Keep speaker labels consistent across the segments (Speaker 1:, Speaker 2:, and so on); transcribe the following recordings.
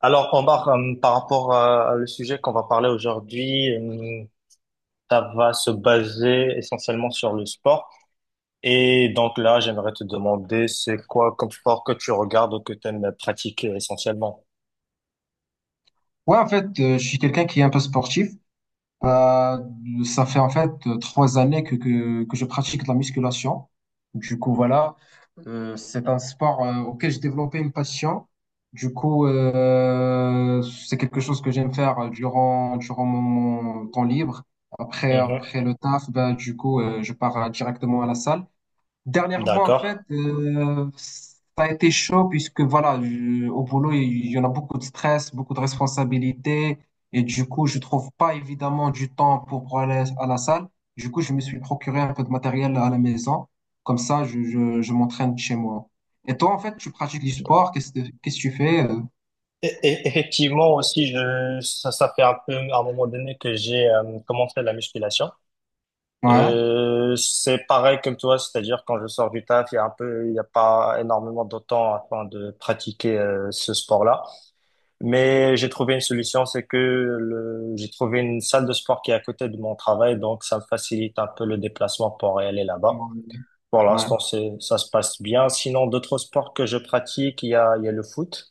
Speaker 1: Alors, Omar, par rapport à le sujet qu'on va parler aujourd'hui, ça va se baser essentiellement sur le sport. Et donc là, j'aimerais te demander, c'est quoi comme sport que tu regardes ou que tu aimes pratiquer essentiellement?
Speaker 2: Ouais, en fait, je suis quelqu'un qui est un peu sportif. Euh, Ça fait en fait trois années que je pratique de la musculation. Du coup, voilà. C'est un sport auquel j'ai développé une passion. Du coup, c'est quelque chose que j'aime faire durant mon temps libre. Après,
Speaker 1: Mhm.
Speaker 2: après le taf, ben, du coup, je pars directement à la salle. Dernièrement, en
Speaker 1: D'accord.
Speaker 2: fait, ça a été chaud puisque voilà, au boulot, il y en a beaucoup de stress, beaucoup de responsabilités, et du coup, je trouve pas évidemment du temps pour aller à la salle. Du coup, je me suis procuré un peu de matériel à la maison. Comme ça, je m'entraîne chez moi. Et toi, en fait, tu pratiques du sport, qu'est-ce que tu fais?
Speaker 1: Effectivement aussi, ça fait un peu à un moment donné que j'ai commencé la musculation.
Speaker 2: Ouais,
Speaker 1: C'est pareil comme toi, c'est-à-dire quand je sors du taf, il y a un peu, il n'y a pas énormément de temps afin de pratiquer ce sport-là. Mais j'ai trouvé une solution, c'est que j'ai trouvé une salle de sport qui est à côté de mon travail, donc ça me facilite un peu le déplacement pour aller là-bas.
Speaker 2: ouais,
Speaker 1: Pour
Speaker 2: ouais.
Speaker 1: l'instant, ça se passe bien. Sinon, d'autres sports que je pratique, il y a le foot.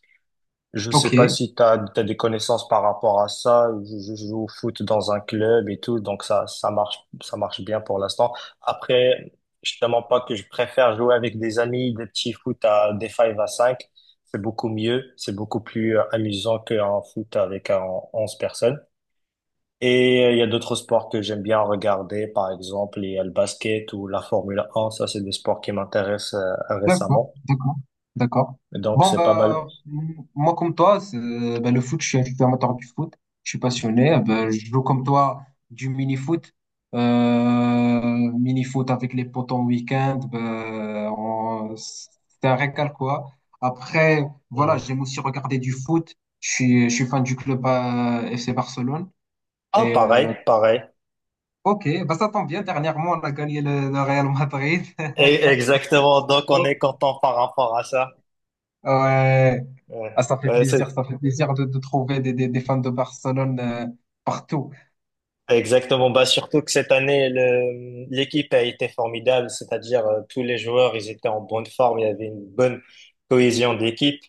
Speaker 1: Je sais pas
Speaker 2: Ok.
Speaker 1: si t'as des connaissances par rapport à ça. Je joue au foot dans un club et tout, donc ça marche bien pour l'instant. Après, je te mens pas que je préfère jouer avec des amis, des petits foot à des 5 à 5. C'est beaucoup mieux, c'est beaucoup plus amusant qu'un foot avec 11 personnes. Et il y a d'autres sports que j'aime bien regarder, par exemple, il y a le basket ou la Formule 1. Ça, c'est des sports qui m'intéressent
Speaker 2: D'accord,
Speaker 1: récemment.
Speaker 2: d'accord, d'accord.
Speaker 1: Donc,
Speaker 2: Bon,
Speaker 1: c'est pas mal.
Speaker 2: bah, moi, comme toi, bah, le foot, je suis amateur du foot, je suis passionné. Bah, je joue comme toi du mini-foot. Mini-foot avec les potes en week-end, bah, c'est un régal, quoi. Après, voilà,
Speaker 1: Mm.
Speaker 2: j'aime aussi regarder du foot. Je suis fan du club FC Barcelone.
Speaker 1: Ah,
Speaker 2: Et
Speaker 1: pareil, pareil.
Speaker 2: ok, bah, ça tombe bien. Dernièrement, on a gagné le Real Madrid.
Speaker 1: Et exactement, donc on est content par rapport à ça.
Speaker 2: Ouais.
Speaker 1: Ouais.
Speaker 2: Ah,
Speaker 1: Ouais, c'est
Speaker 2: ça fait plaisir de trouver des fans de Barcelone partout.
Speaker 1: exactement. Bah, surtout que cette année, l'équipe a été formidable, c'est-à-dire tous les joueurs, ils étaient en bonne forme, il y avait une bonne cohésion d'équipe.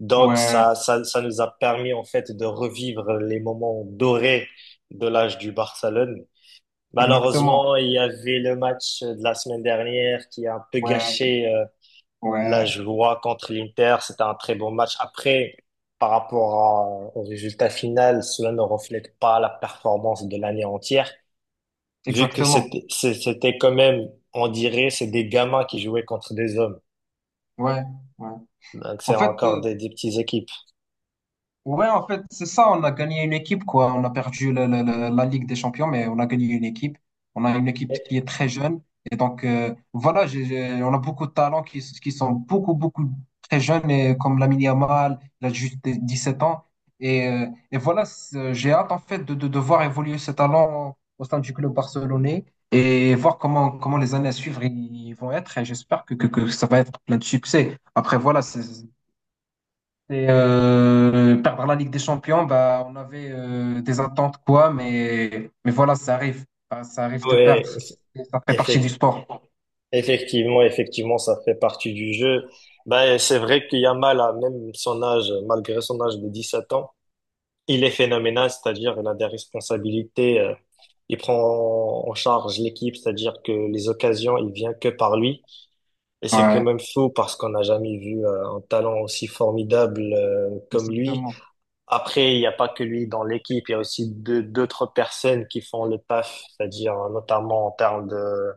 Speaker 1: Donc
Speaker 2: Ouais,
Speaker 1: ça nous a permis en fait de revivre les moments dorés de l'âge du Barcelone.
Speaker 2: exactement.
Speaker 1: Malheureusement, il y avait le match de la semaine dernière qui a un peu
Speaker 2: Ouais,
Speaker 1: gâché. La
Speaker 2: ouais,
Speaker 1: joie contre l'Inter, c'était un très bon match. Après, par rapport au résultat final, cela ne reflète pas la performance de l'année entière, vu que
Speaker 2: Exactement.
Speaker 1: c'était quand même, on dirait, c'est des gamins qui jouaient contre des hommes.
Speaker 2: Ouais, ouais.
Speaker 1: Donc
Speaker 2: En
Speaker 1: c'est
Speaker 2: fait,
Speaker 1: encore des petites équipes.
Speaker 2: ouais, en fait, c'est ça. On a gagné une équipe, quoi. On a perdu la Ligue des Champions, mais on a gagné une équipe. On a une équipe qui
Speaker 1: Et-
Speaker 2: est très jeune. Et donc, voilà, on a beaucoup de talents qui sont beaucoup très jeunes, et comme Lamine Yamal, il a juste sept ans. Et voilà, j'ai hâte, en fait, de voir évoluer ces talents au sein du club barcelonais et voir comment les années à suivre ils vont être. Et j'espère que ça va être plein de succès. Après, voilà, c'est et par la Ligue des Champions, bah, on avait des attentes, quoi, mais voilà, ça arrive. Bah, ça arrive de
Speaker 1: ouais,
Speaker 2: perdre. Ça fait partie du
Speaker 1: effect-
Speaker 2: sport.
Speaker 1: effectivement, ça fait partie du jeu. Ben, c'est vrai qu'il y a mal à même son âge, malgré son âge de 17 ans, il est phénoménal, c'est-à-dire il a des responsabilités, il prend en charge l'équipe, c'est-à-dire que les occasions, il vient que par lui. Et c'est quand
Speaker 2: Ouais,
Speaker 1: même fou parce qu'on n'a jamais vu un talent aussi formidable comme lui.
Speaker 2: exactement.
Speaker 1: Après, il n'y a pas que lui dans l'équipe, il y a aussi d'autres personnes qui font le taf, c'est-à-dire notamment en termes de...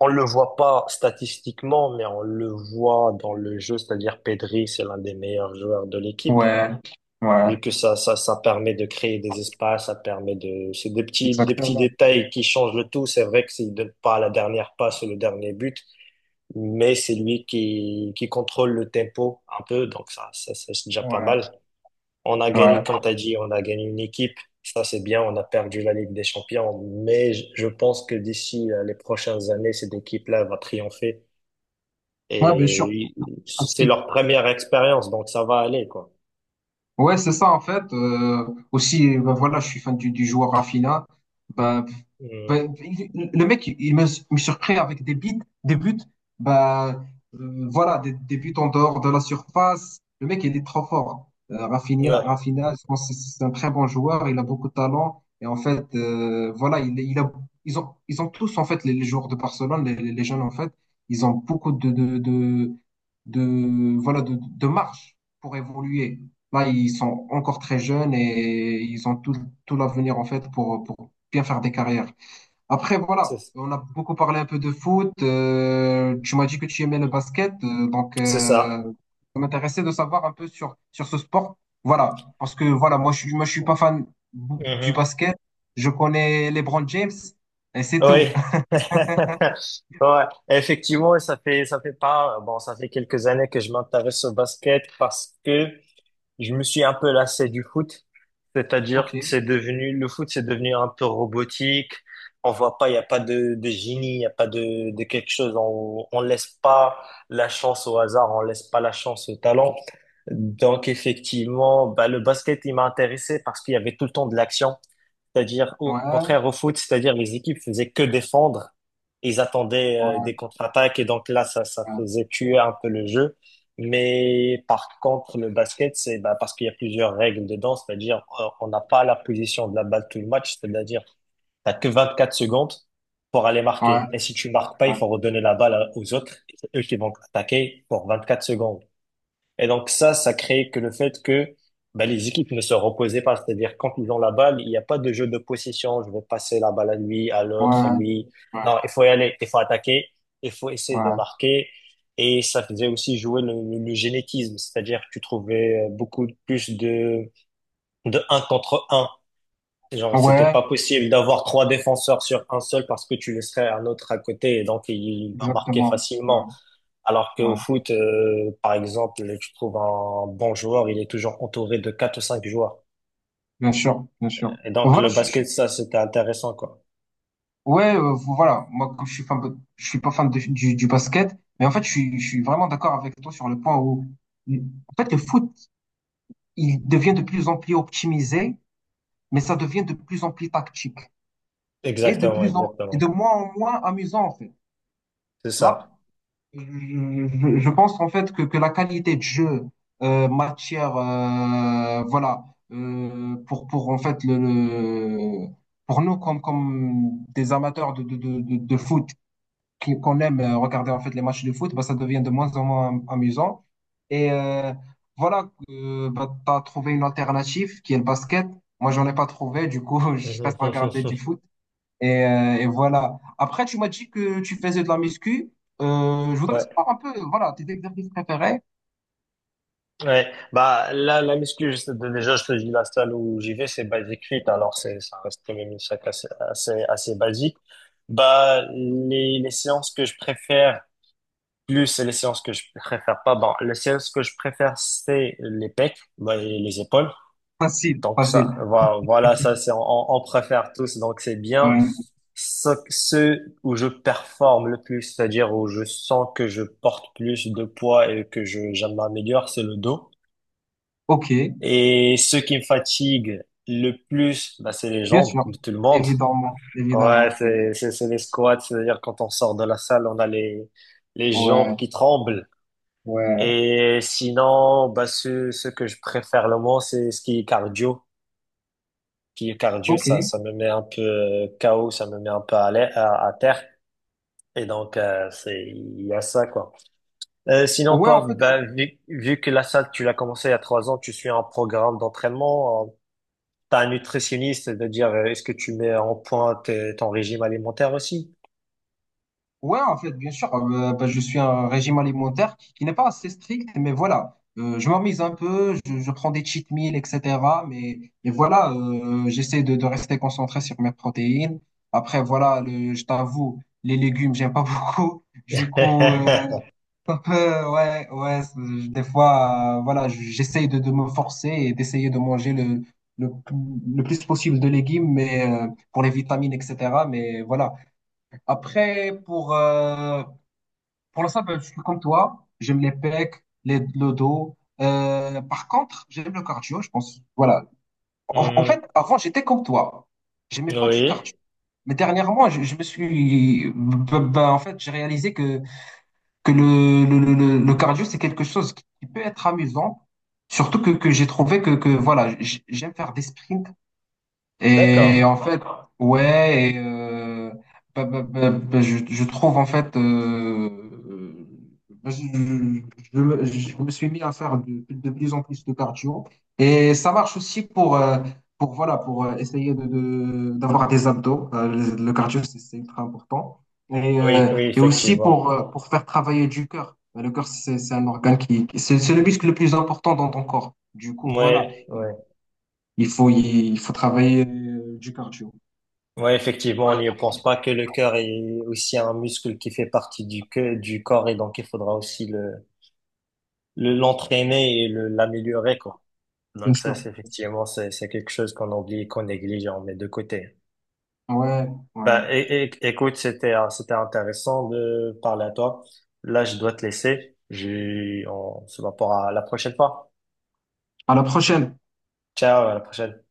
Speaker 1: On le voit pas statistiquement, mais on le voit dans le jeu, c'est-à-dire Pedri, c'est l'un des meilleurs joueurs de l'équipe
Speaker 2: Ouais, ouais,
Speaker 1: vu que ça permet de créer des espaces, c'est des petits
Speaker 2: Exactement.
Speaker 1: détails qui changent le tout. C'est vrai que s'il donne pas la dernière passe ou le dernier but, mais c'est lui qui contrôle le tempo un peu, donc ça, c'est déjà pas
Speaker 2: Ouais,
Speaker 1: mal. On a gagné,
Speaker 2: ouais.
Speaker 1: comme t'as dit, on a gagné une équipe. Ça, c'est bien. On a perdu la Ligue des Champions, mais je pense que d'ici les prochaines années, cette équipe-là va triompher.
Speaker 2: Ouais, bien sûr.
Speaker 1: C'est
Speaker 2: Aussi.
Speaker 1: leur première expérience, donc ça va aller, quoi.
Speaker 2: Ouais, c'est ça, en fait. Aussi, ben voilà, je suis fan du joueur Rafinha. Bah, bah,
Speaker 1: Mm.
Speaker 2: le mec, me surprend avec des buts, bah, voilà, des buts en dehors de la surface. Le mec, il est trop fort. Hein.
Speaker 1: Ouais,
Speaker 2: Rafinha, je pense que c'est un très bon joueur, il a beaucoup de talent. Et en fait, voilà, ils ont tous, en fait, les joueurs de Barcelone, les jeunes, en fait, ils ont beaucoup voilà, de marge pour évoluer. Là, ils sont encore très jeunes et ils ont tout l'avenir, en fait, pour bien faire des carrières. Après, voilà,
Speaker 1: c'est
Speaker 2: on a beaucoup parlé un peu de foot. Tu m'as dit que tu aimais le basket, donc
Speaker 1: c'est ça.
Speaker 2: ça m'intéressait de savoir un peu sur ce sport. Voilà, parce que voilà, moi, je suis pas fan du
Speaker 1: Mhm.
Speaker 2: basket. Je connais LeBron James et c'est tout.
Speaker 1: Oui. Ouais. Effectivement, ça fait pas, bon, ça fait quelques années que je m'intéresse au basket parce que je me suis un peu lassé du foot.
Speaker 2: Ok,
Speaker 1: C'est-à-dire que c'est devenu, le foot, c'est devenu un peu robotique. On voit pas, il y a pas de génie, il y a pas de quelque chose. On laisse pas la chance au hasard, on laisse pas la chance au talent. Donc, effectivement, bah, le basket, il m'a intéressé parce qu'il y avait tout le temps de l'action. C'est-à-dire, au
Speaker 2: ouais,
Speaker 1: contraire au foot, c'est-à-dire les équipes faisaient que défendre. Ils attendaient des contre-attaques et donc là, ça
Speaker 2: ouais,
Speaker 1: faisait tuer un peu le jeu. Mais par contre, le basket, c'est bah, parce qu'il y a plusieurs règles dedans, c'est-à-dire on n'a pas la position de la balle tout le match, c'est-à-dire t'as que 24 secondes pour aller
Speaker 2: ouais,
Speaker 1: marquer. Et si tu marques pas, il
Speaker 2: ouais,
Speaker 1: faut redonner la balle aux autres, c'est eux qui vont attaquer pour 24 secondes. Et donc ça crée que le fait que bah, les équipes ne se reposaient pas, c'est-à-dire quand ils ont la balle, il n'y a pas de jeu de possession, je vais passer la balle à lui, à l'autre, à
Speaker 2: ouais,
Speaker 1: lui. Non, il faut y aller, il faut attaquer, il faut essayer de
Speaker 2: ouais,
Speaker 1: marquer. Et ça faisait aussi jouer le génétisme, c'est-à-dire que tu trouvais beaucoup plus de un contre un. Genre, c'était
Speaker 2: ouais,
Speaker 1: pas possible d'avoir trois défenseurs sur un seul parce que tu laisserais un autre à côté et donc il va marquer
Speaker 2: exactement. Ouais,
Speaker 1: facilement. Alors qu'au
Speaker 2: ouais,
Speaker 1: foot, par exemple, tu trouves un bon joueur, il est toujours entouré de quatre ou cinq joueurs.
Speaker 2: bien sûr.
Speaker 1: Et donc
Speaker 2: Voilà,
Speaker 1: le basket, ça, c'était intéressant, quoi.
Speaker 2: ouais, voilà. Moi, comme je suis fan, je suis pas fan du basket, mais en fait, je suis vraiment d'accord avec toi sur le point où, en fait, le foot, il devient de plus en plus optimisé, mais ça devient de plus en plus tactique et
Speaker 1: Exactement,
Speaker 2: et
Speaker 1: exactement.
Speaker 2: de moins en moins amusant, en fait.
Speaker 1: C'est
Speaker 2: Là,
Speaker 1: ça.
Speaker 2: je, je pense en fait que la qualité de jeu, matière, voilà, pour en fait pour nous comme des amateurs de foot qu'on aime regarder en fait les matchs de foot, bah, ça devient de moins en moins amusant. Et voilà, bah, tu as trouvé une alternative qui est le basket. Moi, j'en ai pas trouvé, du coup, je reste à regarder du foot. Et voilà. Après, tu m'as dit que tu faisais de la muscu. Je voudrais
Speaker 1: Ouais,
Speaker 2: savoir un peu, voilà, tes exercices préférés.
Speaker 1: ouais. Bah, là, la muscu, déjà, je te dis, la salle où j'y vais, c'est Basic Fit. Alors, ça reste quand même une salle assez basique. Bah, les séances que je préfère plus et les séances que je préfère pas. Bon, les séances que je préfère, c'est les pecs, bah, et les épaules. Donc, ça,
Speaker 2: Facile.
Speaker 1: voilà, ça, on préfère tous. Donc, c'est bien.
Speaker 2: Ouais.
Speaker 1: Ceux où je performe le plus, c'est-à-dire où je sens que je porte plus de poids et que je m'améliore, c'est le dos.
Speaker 2: Ok,
Speaker 1: Et ce qui me fatigue le plus, bah, c'est les
Speaker 2: bien
Speaker 1: jambes,
Speaker 2: sûr.
Speaker 1: comme tout le monde. Ouais,
Speaker 2: Évidemment.
Speaker 1: c'est les squats, c'est-à-dire quand on sort de la salle, on a les jambes
Speaker 2: Ouais,
Speaker 1: qui tremblent.
Speaker 2: ouais.
Speaker 1: Et sinon, bah, ce que je préfère le moins, c'est ce qui est cardio. Qui est cardio,
Speaker 2: Ok.
Speaker 1: ça me met un peu KO, ça me met un peu à terre. Et donc, il y a ça, quoi. Sinon,
Speaker 2: Ouais, en
Speaker 1: toi,
Speaker 2: fait,
Speaker 1: bah, vu que la salle, tu l'as commencé il y a 3 ans, tu suis un programme d'entraînement, T'as un nutritionniste de dire est-ce que tu mets en point ton régime alimentaire aussi?
Speaker 2: ouais, en fait, bien sûr, bah, je suis un régime alimentaire qui n'est pas assez strict, mais voilà, je m'amise un peu, je prends des cheat meals, etc. Mais voilà, j'essaie de rester concentré sur mes protéines. Après, voilà, le, je t'avoue, les légumes, j'aime pas beaucoup. Du coup, un peu, ouais, des fois, voilà, j'essaie de me forcer et d'essayer de manger le, le plus possible de légumes, mais pour les vitamines, etc. Mais voilà. Après, pour l'instant, ben, je suis comme toi. J'aime les pecs, les, le dos. Par contre, j'aime le cardio, je pense. Voilà. En fait,
Speaker 1: Mhm.
Speaker 2: avant, j'étais comme toi. J'aimais pas du cardio.
Speaker 1: Oui,
Speaker 2: Mais dernièrement, je me suis. Ben, en fait, j'ai réalisé que le cardio, c'est quelque chose qui peut être amusant. Surtout que j'ai trouvé que voilà, j'aime faire des sprints
Speaker 1: d'accord.
Speaker 2: et en fait, ouais, et, bah, je trouve en fait, euh, bah, je me suis mis à faire de plus en plus de cardio. Et ça marche aussi pour, voilà, pour essayer d'avoir des abdos. Le cardio, c'est ultra important.
Speaker 1: Oui, oui,
Speaker 2: Et aussi
Speaker 1: effectivement.
Speaker 2: pour faire travailler du cœur. Le cœur, c'est un organe qui, c'est le muscle le plus important dans ton corps. Du coup, voilà
Speaker 1: Ouais, ouais.
Speaker 2: il faut, il faut travailler du cardio.
Speaker 1: Ouais, effectivement, on
Speaker 2: Ouais.
Speaker 1: n'y pense pas que le cœur est aussi un muscle qui fait partie du corps et donc il faudra aussi l'entraîner et l'améliorer, quoi.
Speaker 2: Bien
Speaker 1: Donc ça,
Speaker 2: sûr.
Speaker 1: c'est effectivement, c'est quelque chose qu'on oublie, qu'on néglige et on met de côté.
Speaker 2: Ouais, ouais.
Speaker 1: Bah, écoute, c'était intéressant de parler à toi. Là, je dois te laisser. On se voit pour la prochaine fois.
Speaker 2: À la prochaine.
Speaker 1: Ciao, à la prochaine.